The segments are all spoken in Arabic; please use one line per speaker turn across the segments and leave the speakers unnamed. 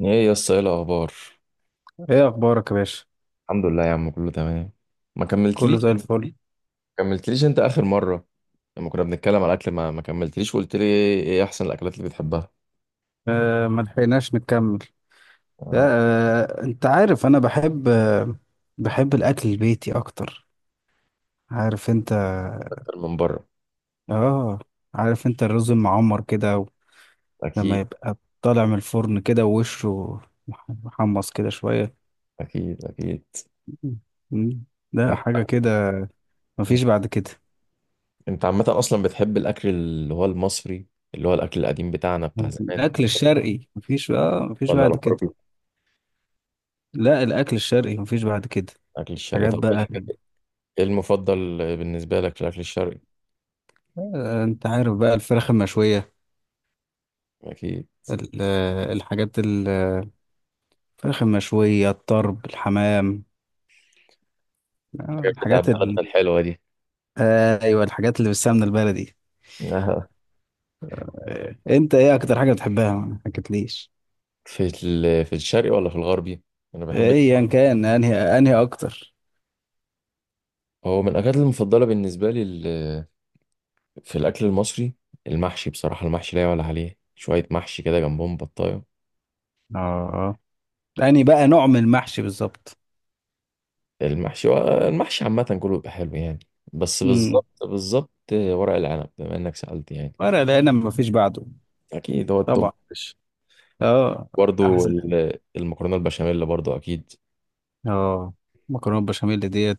ايه يا اسطى، ايه الاخبار؟
ايه اخبارك يا باشا؟
الحمد لله يا عم، كله تمام. ما
كله
كملتليش.
زي الفل.
ما كملتليش انت اخر مره. لما كنا بنتكلم على الاكل، ما كملتليش وقلت لي إيه احسن الاكلات اللي بتحبها.
آه، ما لحقناش نكمل. آه.
آه،
آه، انت عارف، انا بحب الاكل البيتي اكتر. عارف انت.
اكتر من بره.
اه. عارف انت الرز المعمر كده، لما
اكيد،
يبقى طالع من الفرن كده ووشه محمص كده شوية.
اكيد، اكيد.
مم. ده
انت
حاجة كده. مفيش بعد كده.
أنت عامه اصلا بتحب الاكل اللي هو المصري، اللي هو الاكل القديم بتاعنا بتاع زمان.
الأكل الشرقي مفيش
ولا
بعد كده.
الغربي؟
لا، الأكل الشرقي مفيش بعد كده.
الاكل الشرقي،
حاجات
طب ايه
بقى.
الحاجات؟ ايه المفضل بالنسبه لك في الاكل الشرقي؟
آه، انت عارف بقى الفراخ المشوية.
اكيد.
ال- الحاجات ال- الفراخ المشوية، الطرب، الحمام.
الحاجات بتاع
الحاجات
بلدنا
ال...
الحلوه دي.
ايوه، الحاجات اللي بالسمنة البلدي.
آه.
آه، انت ايه اكتر حاجة بتحبها؟ ما حكيتليش.
في الشرقي ولا في الغربي؟ انا بحب.
ايا كان انهي اكتر.
هو من الأكلات المفضلة بالنسبة لي في الأكل المصري. المحشي بصراحة، المحشي لا يعلى عليه، شوية محشي كده جنبهم بطاية.
اه، انهي بقى نوع من المحشي بالظبط.
المحشي. المحشي عامة كله بيبقى حلو يعني. بس
امم.
بالظبط بالظبط، ورق العنب بما إنك سألت يعني.
ورق العنب مفيش بعده.
أكيد هو التوب.
طبعا. اه.
برضه.
احسن.
المكرونة البشاميل برضه أكيد.
اه. مكرونه بشاميل ديت،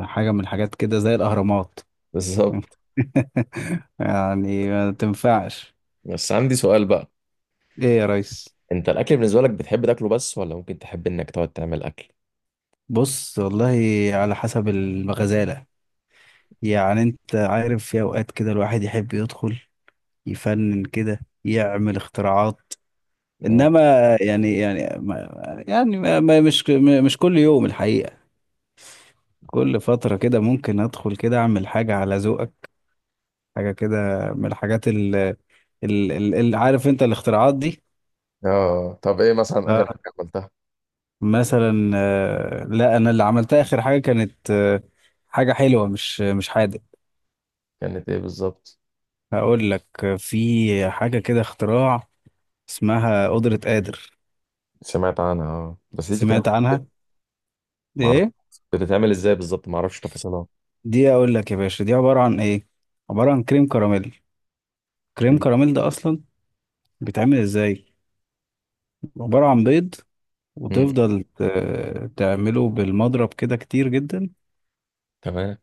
حاجه من الحاجات كده زي الاهرامات.
بالظبط.
يعني ما تنفعش.
بس عندي سؤال بقى.
ايه يا ريس؟
أنت الأكل بالنسبة لك بتحب تاكله بس ولا ممكن تحب إنك تقعد تعمل أكل؟
بص والله، على حسب الغزالة. يعني انت عارف، في اوقات كده الواحد يحب يدخل يفنن كده، يعمل اختراعات.
آه.
انما، يعني يعني ما يعني ما ما- مش ما- مش كل يوم الحقيقة. كل فترة كده ممكن ادخل كده اعمل حاجة على ذوقك، حاجة كده، من الحاجات اللي، عارف انت، الاختراعات دي.
آه، طب إيه مثلا
آه.
آخر حاجة عملتها؟
مثلا، لا، انا اللي عملتها اخر حاجة كانت، حاجة حلوة، مش حادق.
كانت إيه بالظبط؟
هقول لك. في حاجة كده اختراع، اسمها قدرة قادر.
سمعت عنها، اه بس دي بتتعمل.
سمعت عنها. دي
معرفش.
ايه؟
بتتعمل ازاي بالظبط، معرفش تفاصيلها.
دي اقول لك يا باشا دي عبارة عن ايه. عبارة عن كريم كراميل. كريم كراميل ده اصلا بيتعمل ازاي؟ عبارة عن بيض،
مم.
وتفضل تعمله بالمضرب كده كتير جدا.
تمام.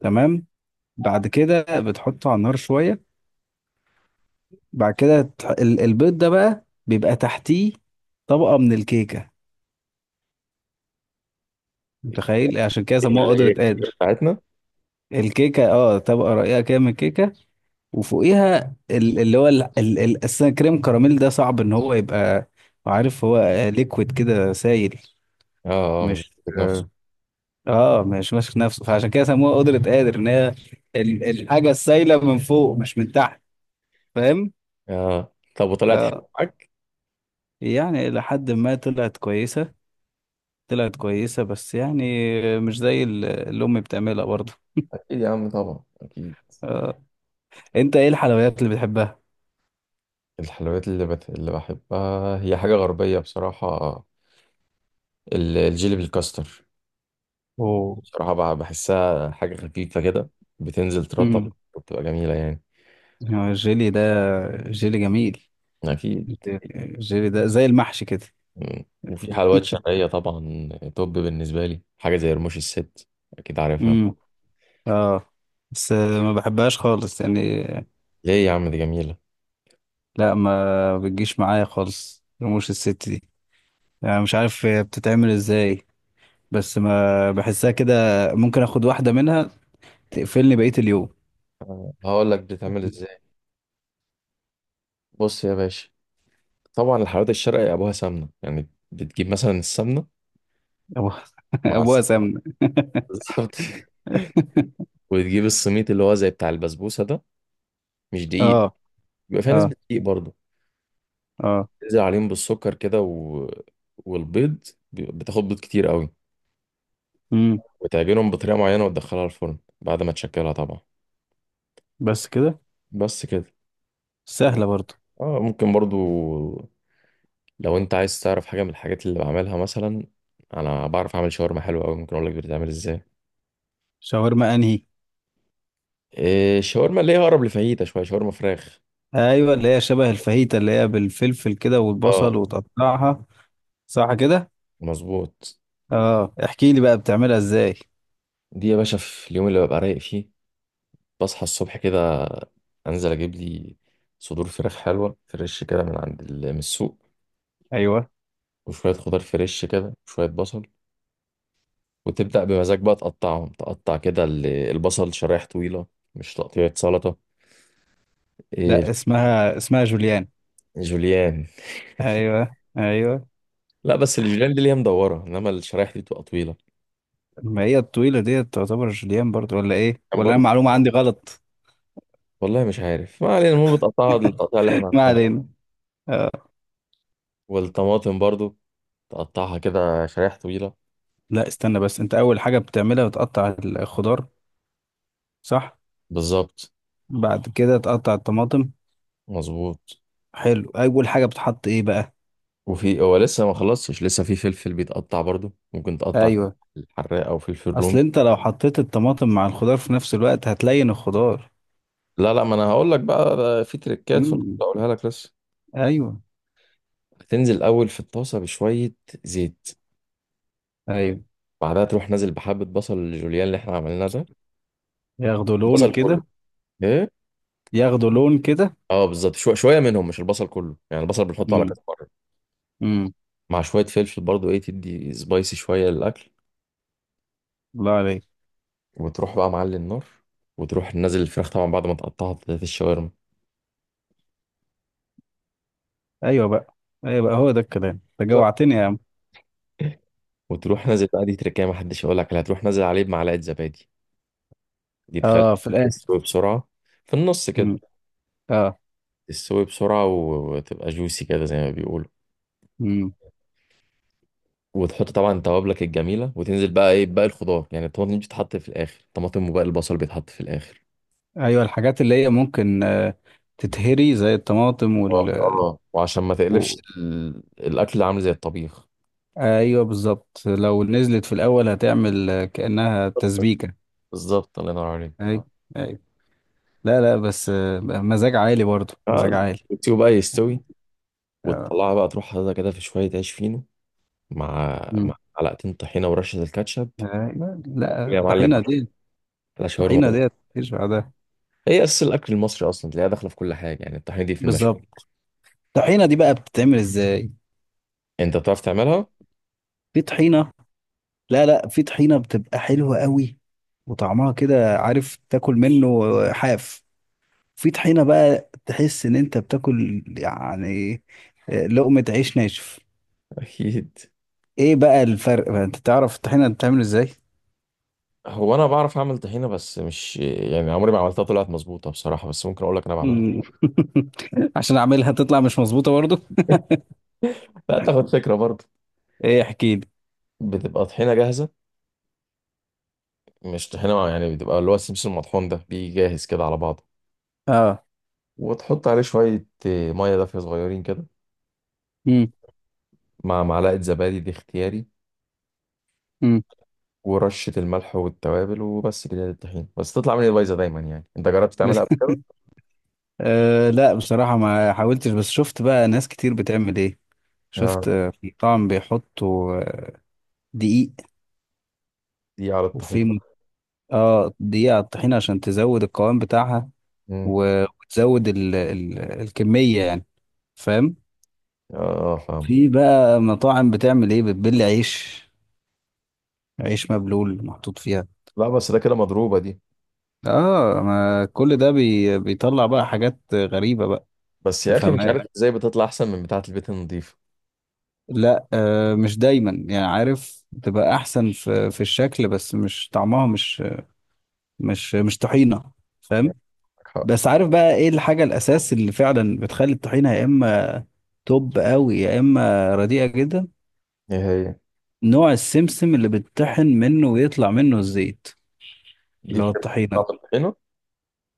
تمام. بعد كده بتحطه على النار شوية. بعد كده البيض ده بقى بيبقى تحتيه طبقة من الكيكة، متخيل؟ عشان كده سموها
اللي
قدرة
هي
قادر.
بتاعتنا.
الكيكة، اه، طبقة رقيقة كده من الكيكة، وفوقيها ال- اللي هو ال- ال- ال- أساسا، كريم كراميل ده صعب ان هو يبقى، عارف، هو ليكويد كده، سايل،
اه، اه، مش
مش
بتاعتك نفسه.
اه آه، مش ماسك نفسه، فعشان كده سموها قدرة قادر، ان هي الحاجة السايلة من فوق، مش من تحت. فاهم؟
اه، طب وطلعت حلوه
اه.
معاك؟
يعني الى حد ما طلعت كويسة. طلعت كويسة بس يعني، مش زي اللي امي بتعملها برضه.
اكيد يا عم طبعا اكيد.
آه. انت ايه الحلويات اللي بتحبها؟
الحلويات اللي بحبها هي حاجه غربيه بصراحه. الجيلي بالكاستر.
اوه.
بصراحه بحسها حاجه خفيفه كده. بتنزل ترطب.
امم.
وبتبقى جميله يعني.
الجيلي ده، جيلي جميل.
اكيد.
الجيلي ده زي المحشي كده.
مم. وفي حلويات شرقيه طبعا. توب بالنسبه لي حاجه زي رموش الست. اكيد عارفها.
امم. اه. بس ما بحبهاش خالص يعني.
ليه يا عم؟ دي جميلة.
لا، ما بتجيش معايا خالص رموش الست دي. يعني مش عارف هي بتتعمل ازاي، بس ما بحسها كده. ممكن اخد واحدة منها تقفلني بقية اليوم.
آه، هقول لك بتتعمل ازاي. بص يا باشا. طبعا الحلويات الشرقي ابوها سمنة، يعني بتجيب مثلا السمنة
ابوها.
مع
ابوها
الس-
سمنة.
بالظبط. وتجيب السميط اللي هو زي بتاع البسبوسة ده. مش دقيق.
اه،
بيبقى فيها
اه،
نسبة دقيق برضه.
اه.
تنزل عليهم بالسكر كده و... بتاخد بيض كتير قوي.
امم.
وتعجنهم بطريقة معينة وتدخلها الفرن بعد ما تشكلها طبعا.
بس كده.
بس كده.
سهلة برضو.
اه، ممكن برضو. لو انت عايز تعرف حاجة من الحاجات اللي بعملها مثلا، انا بعرف اعمل شاورما حلوة قوي، ممكن اقول لك بتتعمل ازاي.
شاورما انهي؟
إيه، الشاورما اللي هي اقرب لفاهيتا شويه، شاورما فراخ.
ايوه، اللي هي شبه الفاهيتا، اللي هي بالفلفل كده
اه،
والبصل، وتقطعها. صح كده.
مظبوط.
اه، احكي لي بقى بتعملها ازاي.
دي يا باشا في اليوم اللي ببقى رايق فيه، بصحى الصبح كده، انزل اجيب لي صدور فراخ حلوه فريش كده من السوق،
ايوه.
وشويه خضار فريش كده وشويه بصل. وتبدا بمزاج بقى تقطعهم، تقطع كده البصل شرايح طويله، مش تقطيعه سلطه. إيه،
لا، اسمها جوليان.
جوليان.
ايوه، ايوه.
لا بس الجوليان دي اللي هي مدوره، انما الشرايح دي بتبقى طويله.
ما هي الطويله ديت تعتبر جوليان برضو، ولا ايه؟
كان
ولا
برضه.
انا معلومه عندي غلط.
والله مش عارف، ما علينا، المهم بتقطعها التقطيع اللي احنا
ما
عارفينها.
علينا. آه.
والطماطم برضو، تقطعها كده شرايح طويلة.
لا، استنى بس، انت اول حاجه بتعملها بتقطع الخضار، صح؟
بالظبط.
بعد كده تقطع الطماطم.
مظبوط.
حلو، اول حاجه بتحط ايه بقى؟
وفي هو لسه ما خلصتش، لسه في فلفل بيتقطع برضو، ممكن تقطع
ايوه،
فلفل حراق او فلفل رومي.
اصل انت لو حطيت الطماطم مع الخضار في نفس الوقت هتلين الخضار.
لا لا، ما انا هقول لك بقى، ده في تريكات في الخطة
امم.
اقولها لك لسه.
ايوه،
هتنزل اول في الطاسة بشوية زيت.
ايوه.
بعدها تروح نازل بحبة بصل الجوليان اللي احنا عملناه ده.
ياخدوا لون
البصل كله.
كده.
ايه.
ياخدوا لون كده.
اه بالظبط، شوية شوية منهم، مش البصل كله، يعني البصل بنحطه على كذا مرة،
امم.
مع شوية فلفل برضو ايه، تدي سبايسي شوية للاكل.
الله عليك.
وتروح بقى معلي النار، وتروح نازل الفراخ طبعا بعد ما تقطعها في الشاورما.
ايوه بقى. ايوه بقى، هو ده الكلام، انت
بالظبط.
جوعتني يا عم.
وتروح نازل بقى، دي تركية ما حدش يقول لك عليها، تروح نازل عليه بمعلقة زبادي. دي تخلي
اه، في الاخر.
تستوي بسرعة، في النص كده.
مم. اه.
تستوي بسرعة وتبقى جوسي كده زي ما بيقولوا.
مم.
وتحط طبعا توابلك الجميلة، وتنزل بقى ايه باقي الخضار، يعني الطماطم بتتحط في الآخر، الطماطم وباقي البصل بيتحط في الآخر.
ايوه، الحاجات اللي هي ممكن، آه، تتهري، زي الطماطم
اه،
وال،
آه. وعشان ما تقلبش
و.
الأكل عامل زي الطبيخ.
ايوه بالظبط، لو نزلت في الاول هتعمل، كانها تسبيكه.
بالظبط، الله ينور عليك.
ايوه، ايوه. لا، لا، بس آه، مزاج عالي برضه، مزاج
اه،
عالي.
وتسيبه بقى يستوي.
اه.
وتطلعها بقى، تروح حاططها كده في شوية عيش فينو مع مع
مم.
معلقتين طحينة ورشة الكاتشب.
ايوه.
كل
لا،
يا معلم.
الطحينه دي،
أحلى شاورما
الطحينه دي
بره.
مفيش بعدها.
هي أساس الأكل المصري أصلا، تلاقيها داخلة في كل حاجة، يعني الطحينة دي في المشوي.
بالظبط. الطحينه دي بقى بتتعمل ازاي؟
أنت بتعرف تعملها؟
في طحينه. لا، لا، في طحينة بتبقى حلوة قوي، وطعمها كده، عارف، تاكل منه حاف. في طحينة بقى تحس ان انت بتاكل، يعني، لقمة عيش ناشف.
أكيد.
ايه بقى الفرق بقى؟ انت تعرف الطحينة بتتعمل ازاي؟
هو أنا بعرف أعمل طحينة بس مش يعني، عمري ما عملتها طلعت مظبوطة بصراحة، بس ممكن أقول لك أنا بعملها.
مم. عشان اعملها تطلع مش مظبوطة برضو.
لا، تاخد فكرة برضه.
ايه، احكي لي.
بتبقى طحينة جاهزة، مش طحينة يعني، بتبقى اللي هو السمسم المطحون ده بيجي جاهز كده على بعضه.
اه.
وتحط عليه شوية مية دافية صغيرين كده،
مم.
مع معلقة زبادي دي اختياري،
مم.
ورشة الملح والتوابل وبس كده للطحين. بس تطلع مني بايظة دايما يعني، انت جربت
بس.
تعملها قبل كده؟
آه، لا، بصراحة ما حاولتش، بس شفت بقى ناس كتير بتعمل ايه.
اه،
شفت، في مطعم بيحطوا، دقيق.
دي على الطحين.
وفي، اه، دقيقة على الطحينة عشان تزود القوام بتاعها،
امم.
وتزود ال ال الكمية، يعني، فاهم؟
اه، فاهم.
في بقى مطاعم بتعمل ايه، بتبل عيش، عيش مبلول محطوط فيها.
لا بس ده كده مضروبة دي.
اه، ما كل ده بيطلع بقى حاجات غريبة بقى،
بس يا اخي مش
تفهمها.
عارف ازاي بتطلع احسن من بتاعة البيت النظيفة.
لا، آه، مش دايما يعني، عارف، تبقى احسن في الشكل، بس مش طعمها. مش، مش طحينة. فاهم؟
عندك حق.
بس عارف بقى ايه الحاجة الاساس اللي فعلا بتخلي الطحينة يا اما توب قوي، يا اما رديئه جدا؟
ايه هي.
نوع السمسم اللي بتطحن منه ويطلع منه الزيت،
دي
اللي هو
بتفرق في
الطحينه.
طعم الطحينة.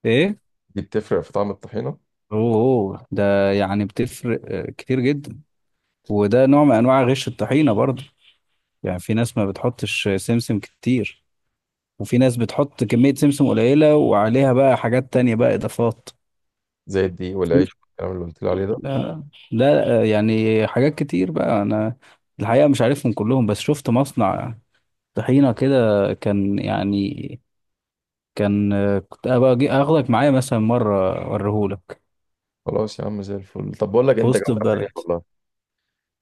ايه.
دي بتفرق في طعم الطحينة.
اوه، أوه، ده يعني بتفرق، كتير جدا. وده نوع من انواع غش الطحينه برضه. يعني في ناس ما بتحطش سمسم كتير، وفي ناس بتحط كميه سمسم قليله وعليها بقى حاجات تانية، بقى اضافات.
زي الدقيق والعيش والكلام اللي قلت لي عليه ده.
لا، لا، يعني حاجات كتير بقى، انا الحقيقه مش عارفهم كلهم، بس شفت مصنع طحينه كده، كان يعني. كان، كنت ابقى اجي اخدك معايا مثلا مره، اوريهولك.
خلاص يا عم زي الفل، طب بقول لك إيه،
في
انت
وسط
جوعتني
البلد.
والله،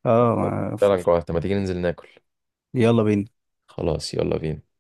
اه.
فعلا جوعت، ما تيجي ننزل ناكل.
يلا بينا.
خلاص يلا بينا.